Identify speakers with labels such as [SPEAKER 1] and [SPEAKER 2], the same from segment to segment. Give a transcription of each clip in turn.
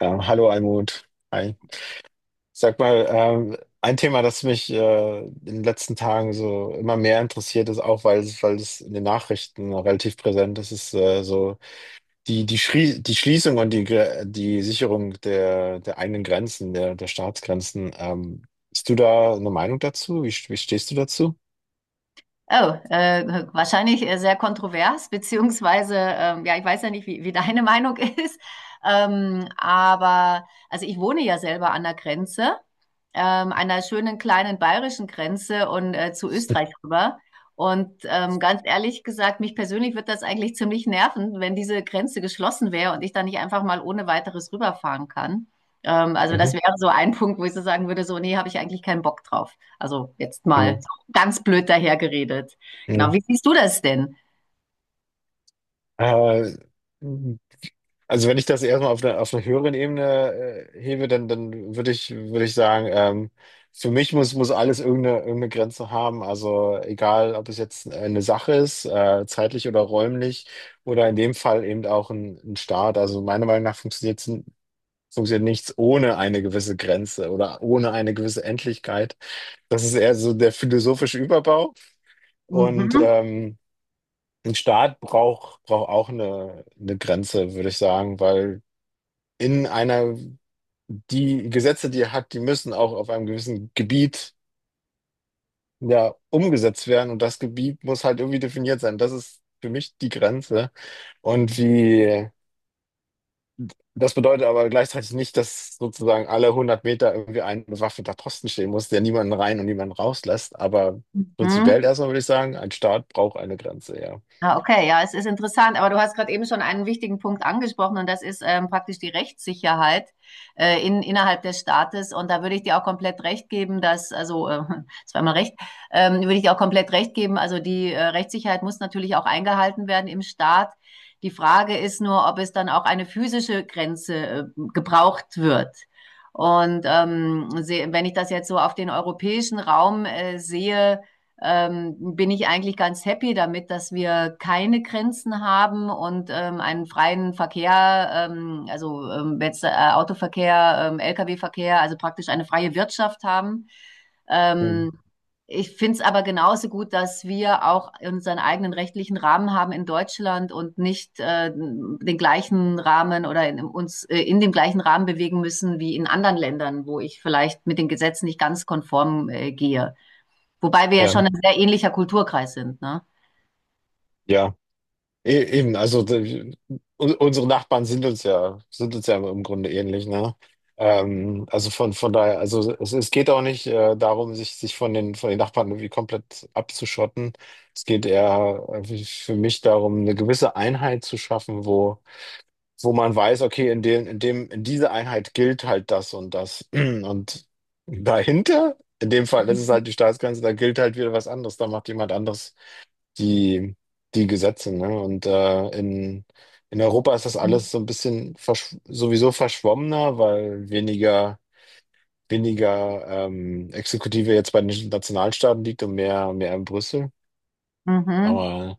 [SPEAKER 1] Ja, hallo Almut. Hi. Sag mal, ein Thema, das mich in den letzten Tagen so immer mehr interessiert ist, auch weil es in den Nachrichten relativ präsent ist, ist so die Schließung und die Sicherung der, der eigenen Grenzen, der, der Staatsgrenzen. Hast du da eine Meinung dazu? Wie stehst du dazu?
[SPEAKER 2] Oh, Wahrscheinlich sehr kontrovers, beziehungsweise, ja, ich weiß ja nicht, wie deine Meinung ist, aber also ich wohne ja selber an der Grenze, einer schönen kleinen bayerischen Grenze und zu Österreich rüber. Ganz ehrlich gesagt, mich persönlich wird das eigentlich ziemlich nerven, wenn diese Grenze geschlossen wäre und ich dann nicht einfach mal ohne weiteres rüberfahren kann. Also das
[SPEAKER 1] Mhm.
[SPEAKER 2] wäre so ein Punkt, wo ich so sagen würde, so, nee, habe ich eigentlich keinen Bock drauf. Also jetzt mal
[SPEAKER 1] Mhm.
[SPEAKER 2] ganz blöd dahergeredet. Genau,
[SPEAKER 1] Mhm.
[SPEAKER 2] wie siehst du das denn?
[SPEAKER 1] Äh, Also wenn ich das erstmal auf einer höheren Ebene hebe, dann würde ich sagen, für mich muss, muss alles irgendeine, irgendeine Grenze haben. Also egal, ob es jetzt eine Sache ist, zeitlich oder räumlich, oder in dem Fall eben auch ein Staat. Also meiner Meinung nach funktioniert, funktioniert nichts ohne eine gewisse Grenze oder ohne eine gewisse Endlichkeit. Das ist eher so der philosophische Überbau. Und
[SPEAKER 2] Mhm.
[SPEAKER 1] ein Staat braucht, braucht auch eine Grenze, würde ich sagen, weil in einer, die Gesetze, die er hat, die müssen auch auf einem gewissen Gebiet ja umgesetzt werden und das Gebiet muss halt irgendwie definiert sein. Das ist für mich die Grenze. Und wie, das bedeutet aber gleichzeitig nicht, dass sozusagen alle 100 Meter irgendwie ein bewaffneter Posten stehen muss, der niemanden rein und niemanden rauslässt. Aber prinzipiell
[SPEAKER 2] Mhm.
[SPEAKER 1] erstmal würde ich sagen, ein Staat braucht eine Grenze, ja.
[SPEAKER 2] Ah, okay, ja, es ist interessant, aber du hast gerade eben schon einen wichtigen Punkt angesprochen und das ist praktisch die Rechtssicherheit innerhalb des Staates, und da würde ich dir auch komplett recht geben, dass, zweimal recht, würde ich dir auch komplett recht geben, also die Rechtssicherheit muss natürlich auch eingehalten werden im Staat. Die Frage ist nur, ob es dann auch eine physische Grenze gebraucht wird. Wenn ich das jetzt so auf den europäischen Raum sehe, bin ich eigentlich ganz happy damit, dass wir keine Grenzen haben und einen freien Verkehr, Autoverkehr, Lkw-Verkehr, also praktisch eine freie Wirtschaft haben.
[SPEAKER 1] Hm.
[SPEAKER 2] Ähm, Ich finde es aber genauso gut, dass wir auch unseren eigenen rechtlichen Rahmen haben in Deutschland und nicht den gleichen Rahmen oder in dem gleichen Rahmen bewegen müssen wie in anderen Ländern, wo ich vielleicht mit den Gesetzen nicht ganz konform gehe. Wobei wir ja
[SPEAKER 1] Ja,
[SPEAKER 2] schon ein sehr ähnlicher Kulturkreis sind, ne?
[SPEAKER 1] ja. E- Eben, also d- un- unsere Nachbarn sind uns ja im Grunde ähnlich, ne? Also von daher, also es geht auch nicht darum, sich, sich von den Nachbarn irgendwie komplett abzuschotten. Es geht eher für mich darum, eine gewisse Einheit zu schaffen, wo, wo man weiß, okay, in dem, in dem, in dieser Einheit gilt halt das und das. Und dahinter, in dem Fall, das ist halt die Staatsgrenze, da gilt halt wieder was anderes, da macht jemand anderes die, die Gesetze, ne? Und in Europa ist das
[SPEAKER 2] Mhm.
[SPEAKER 1] alles so ein bisschen versch sowieso verschwommener, weil weniger, weniger Exekutive jetzt bei den Nationalstaaten liegt und mehr, mehr in Brüssel.
[SPEAKER 2] Mhm.
[SPEAKER 1] Aber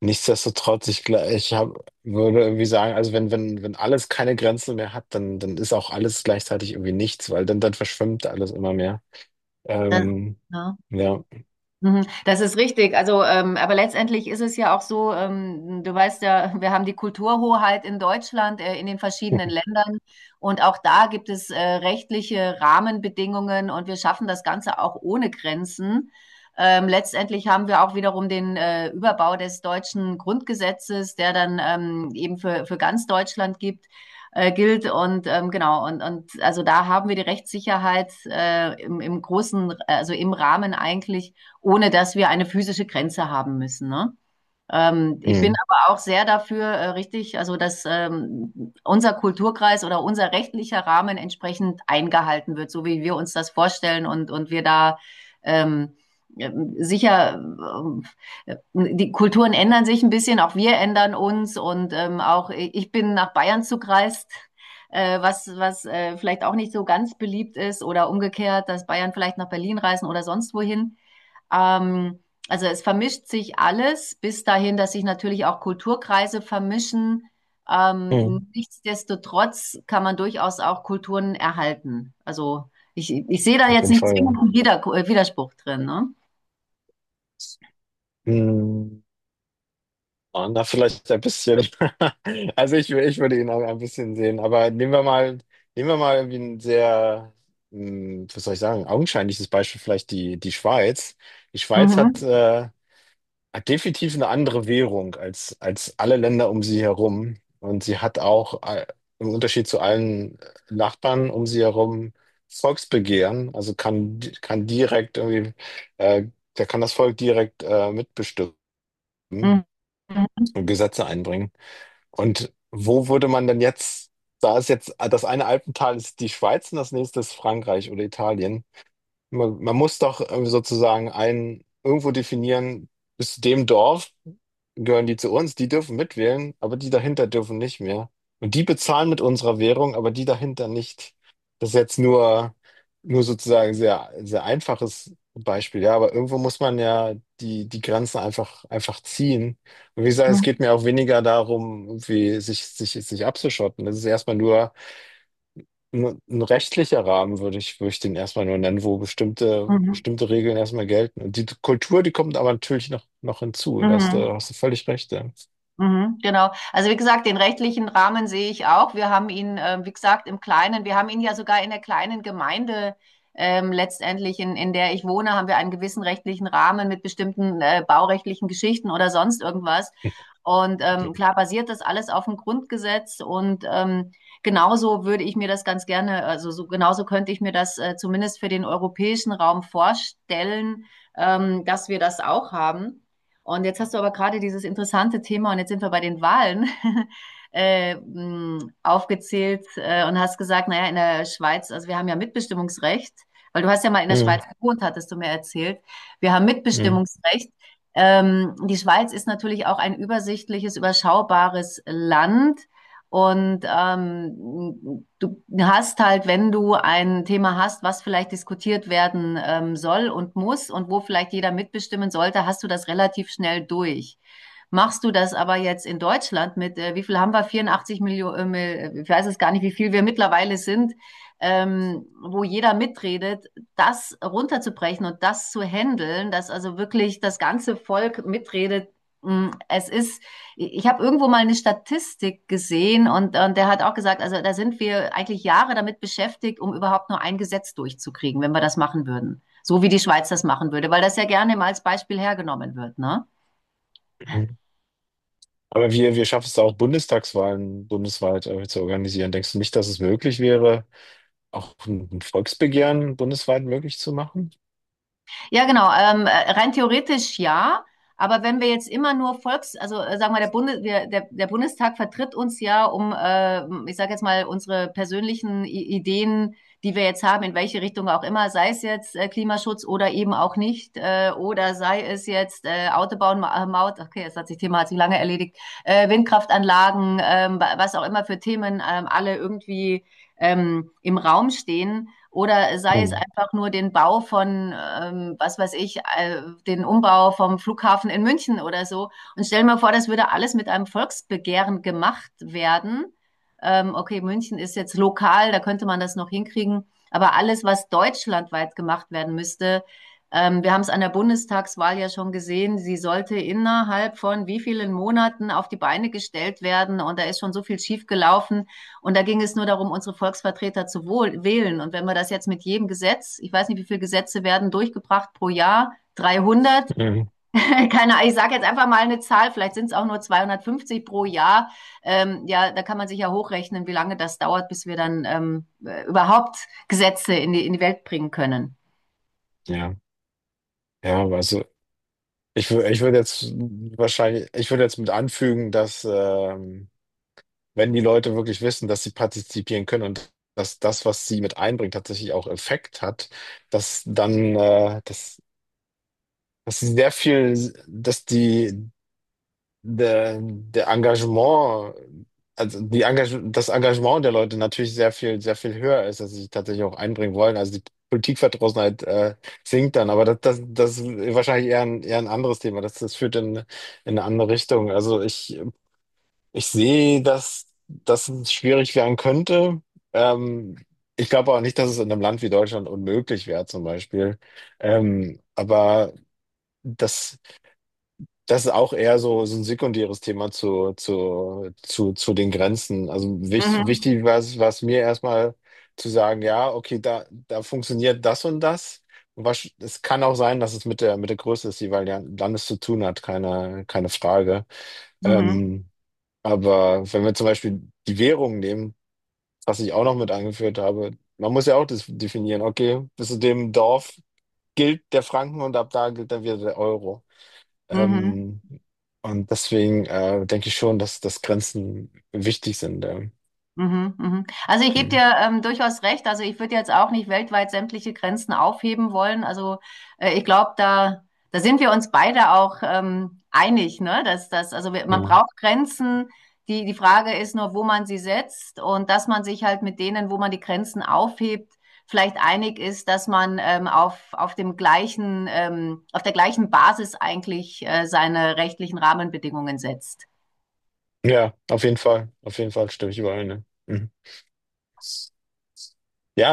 [SPEAKER 1] nichtsdestotrotz, ich, gla- ich hab, würde irgendwie sagen, also wenn, wenn, wenn alles keine Grenzen mehr hat, dann, dann ist auch alles gleichzeitig irgendwie nichts, weil dann, dann verschwimmt alles immer mehr.
[SPEAKER 2] Das,
[SPEAKER 1] Ähm,
[SPEAKER 2] ja.
[SPEAKER 1] ja.
[SPEAKER 2] Mhm. Das ist richtig. Also, aber letztendlich ist es ja auch so, du weißt ja, wir haben die Kulturhoheit in Deutschland, in den verschiedenen Ländern. Und auch da gibt es rechtliche Rahmenbedingungen, und wir schaffen das Ganze auch ohne Grenzen. Letztendlich haben wir auch wiederum den Überbau des deutschen Grundgesetzes, der dann eben für ganz Deutschland gibt. Gilt. Und da haben wir die Rechtssicherheit im großen, also im Rahmen eigentlich, ohne dass wir eine physische Grenze haben müssen. Ne? Ich bin
[SPEAKER 1] Mhm.
[SPEAKER 2] aber auch sehr dafür, richtig, also dass unser Kulturkreis oder unser rechtlicher Rahmen entsprechend eingehalten wird, so wie wir uns das vorstellen, und wir da ähm, äh, sicher, die Kulturen ändern sich ein bisschen, auch wir ändern uns, und auch ich bin nach Bayern zugereist, was vielleicht auch nicht so ganz beliebt ist, oder umgekehrt, dass Bayern vielleicht nach Berlin reisen oder sonst wohin. Ähm, also es vermischt sich alles, bis dahin, dass sich natürlich auch Kulturkreise vermischen.
[SPEAKER 1] Mhm.
[SPEAKER 2] Nichtsdestotrotz kann man durchaus auch Kulturen erhalten. Ich sehe da
[SPEAKER 1] Auf
[SPEAKER 2] jetzt
[SPEAKER 1] jeden
[SPEAKER 2] nicht
[SPEAKER 1] Fall, ja.
[SPEAKER 2] zwingend einen Widerspruch drin, ne?
[SPEAKER 1] Mhm. waren da vielleicht ein bisschen. Also ich, ich würde ihn auch ein bisschen sehen, aber nehmen wir mal irgendwie ein sehr, was soll ich sagen, augenscheinliches Beispiel, vielleicht die Schweiz. Die Schweiz hat,
[SPEAKER 2] Mhm.
[SPEAKER 1] hat definitiv eine andere Währung als, als alle Länder um sie herum. Und sie hat auch, im Unterschied zu allen Nachbarn um sie herum, Volksbegehren. Also kann, kann direkt irgendwie, äh, da kann das Volk direkt, mitbestimmen
[SPEAKER 2] Mhm.
[SPEAKER 1] und Gesetze einbringen. Und wo würde man denn jetzt, da ist jetzt, ah, das eine Alpental ist die Schweiz und das nächste ist Frankreich oder Italien. Man muss doch sozusagen ein, irgendwo definieren, bis zu dem Dorf gehören die zu uns, die dürfen mitwählen, aber die dahinter dürfen nicht mehr. Und die bezahlen mit unserer Währung, aber die dahinter nicht. Das ist jetzt nur, nur sozusagen sehr, sehr einfaches Beispiel, ja, aber irgendwo muss man ja die, die Grenzen einfach, einfach ziehen. Und wie gesagt, es
[SPEAKER 2] Mhm.
[SPEAKER 1] geht mir auch weniger darum, irgendwie sich, sich, sich abzuschotten. Das ist erstmal nur, ein rechtlicher Rahmen würde ich den erstmal nur nennen, wo bestimmte,
[SPEAKER 2] Mhm.
[SPEAKER 1] bestimmte Regeln erstmal gelten. Und die Kultur, die kommt aber natürlich noch, noch hinzu. Da
[SPEAKER 2] Mhm.
[SPEAKER 1] hast du völlig recht. Ja.
[SPEAKER 2] Mhm, genau. Also wie gesagt, den rechtlichen Rahmen sehe ich auch. Wir haben ihn, wie gesagt, im Kleinen, wir haben ihn ja sogar in der kleinen Gemeinde letztendlich, in der ich wohne, haben wir einen gewissen rechtlichen Rahmen mit bestimmten baurechtlichen Geschichten oder sonst irgendwas. Klar basiert das alles auf dem Grundgesetz, und genauso würde ich mir das ganz gerne, also so, genauso könnte ich mir das zumindest für den europäischen Raum vorstellen, dass wir das auch haben. Und jetzt hast du aber gerade dieses interessante Thema, und jetzt sind wir bei den Wahlen, aufgezählt und hast gesagt, naja, in der Schweiz, also wir haben ja Mitbestimmungsrecht, weil du hast ja mal in der
[SPEAKER 1] Mhm.
[SPEAKER 2] Schweiz gewohnt, hattest du mir erzählt. Wir haben
[SPEAKER 1] Mhm.
[SPEAKER 2] Mitbestimmungsrecht. Die Schweiz ist natürlich auch ein übersichtliches, überschaubares Land. Du hast halt, wenn du ein Thema hast, was vielleicht diskutiert werden soll und muss und wo vielleicht jeder mitbestimmen sollte, hast du das relativ schnell durch. Machst du das aber jetzt in Deutschland mit, wie viel haben wir? 84 Millionen, ich weiß es gar nicht, wie viel wir mittlerweile sind, wo jeder mitredet, das runterzubrechen und das zu handeln, dass also wirklich das ganze Volk mitredet. Es ist, ich habe irgendwo mal eine Statistik gesehen, und der hat auch gesagt, also da sind wir eigentlich Jahre damit beschäftigt, um überhaupt nur ein Gesetz durchzukriegen, wenn wir das machen würden. So wie die Schweiz das machen würde, weil das ja gerne mal als Beispiel hergenommen wird, ne?
[SPEAKER 1] Mhm. Aber wir schaffen es da auch, Bundestagswahlen bundesweit zu organisieren. Denkst du nicht, dass es möglich wäre, auch ein Volksbegehren bundesweit möglich zu machen?
[SPEAKER 2] Ja, genau. Rein theoretisch ja. Aber wenn wir jetzt immer nur Volks, sagen wir, der Bundestag vertritt uns ja um, ich sage jetzt mal, unsere persönlichen I Ideen, die wir jetzt haben, in welche Richtung auch immer, sei es jetzt Klimaschutz oder eben auch nicht, oder sei es jetzt Autobahn, Maut, okay, das hat sich Thema hat sich lange erledigt, Windkraftanlagen, was auch immer für Themen alle irgendwie im Raum stehen, oder sei es
[SPEAKER 1] Mhm.
[SPEAKER 2] einfach nur den Bau von, was weiß ich, den Umbau vom Flughafen in München oder so. Und stell mir vor, das würde alles mit einem Volksbegehren gemacht werden. Okay, München ist jetzt lokal, da könnte man das noch hinkriegen. Aber alles, was deutschlandweit gemacht werden müsste, wir haben es an der Bundestagswahl ja schon gesehen, sie sollte innerhalb von wie vielen Monaten auf die Beine gestellt werden. Und da ist schon so viel schiefgelaufen. Und da ging es nur darum, unsere Volksvertreter zu wählen. Und wenn wir das jetzt mit jedem Gesetz, ich weiß nicht, wie viele Gesetze werden durchgebracht pro Jahr, 300,
[SPEAKER 1] Mhm.
[SPEAKER 2] keine Ahnung, ich sage jetzt einfach mal eine Zahl, vielleicht sind es auch nur 250 pro Jahr. Ja, da kann man sich ja hochrechnen, wie lange das dauert, bis wir dann überhaupt Gesetze in die Welt bringen können.
[SPEAKER 1] Ja, ja, also ich, ich würde jetzt wahrscheinlich, ich würde jetzt mit anfügen, dass wenn die Leute wirklich wissen, dass sie partizipieren können und dass das, was sie mit einbringt, tatsächlich auch Effekt hat, dass dann, dass, dass sie sehr viel, dass die, der, der Engagement, also die Engage das Engagement der Leute natürlich sehr viel höher ist, dass sie sich tatsächlich auch einbringen wollen. Also die Politikverdrossenheit, sinkt dann, aber das, das, das ist wahrscheinlich eher ein anderes Thema. Das, das führt in eine andere Richtung. Also ich sehe, dass das schwierig werden könnte. Ähm, ich glaube auch nicht, dass es in einem Land wie Deutschland unmöglich wäre, zum Beispiel. Aber das, das ist auch eher so, so ein sekundäres Thema zu den Grenzen. Also wichtig,
[SPEAKER 2] Mhm.
[SPEAKER 1] wichtig war es mir erstmal zu sagen, ja, okay, da, da funktioniert das und das. Und was, es kann auch sein, dass es mit der Größe des jeweiligen Landes zu tun hat, keine, keine Frage.
[SPEAKER 2] Mhm.
[SPEAKER 1] Ähm, aber wenn wir zum Beispiel die Währung nehmen, was ich auch noch mit angeführt habe, man muss ja auch das definieren, okay, bis zu dem Dorf gilt der Franken und ab da gilt dann wieder der Euro.
[SPEAKER 2] Mhm.
[SPEAKER 1] Ähm, und deswegen denke ich schon, dass, dass Grenzen wichtig sind.
[SPEAKER 2] Mhm, mhm. Also ich gebe
[SPEAKER 1] Hm,
[SPEAKER 2] dir durchaus recht. Also ich würde jetzt auch nicht weltweit sämtliche Grenzen aufheben wollen. Ich glaube, da sind wir uns beide auch einig, ne? Dass das, also wir, man
[SPEAKER 1] ja.
[SPEAKER 2] braucht Grenzen. Die Frage ist nur, wo man sie setzt und dass man sich halt mit denen, wo man die Grenzen aufhebt, vielleicht einig ist, dass man auf dem gleichen, auf der gleichen Basis eigentlich seine rechtlichen Rahmenbedingungen setzt.
[SPEAKER 1] Ja, auf jeden Fall. Auf jeden Fall stimme ich überein. Ne? Mhm. Ja,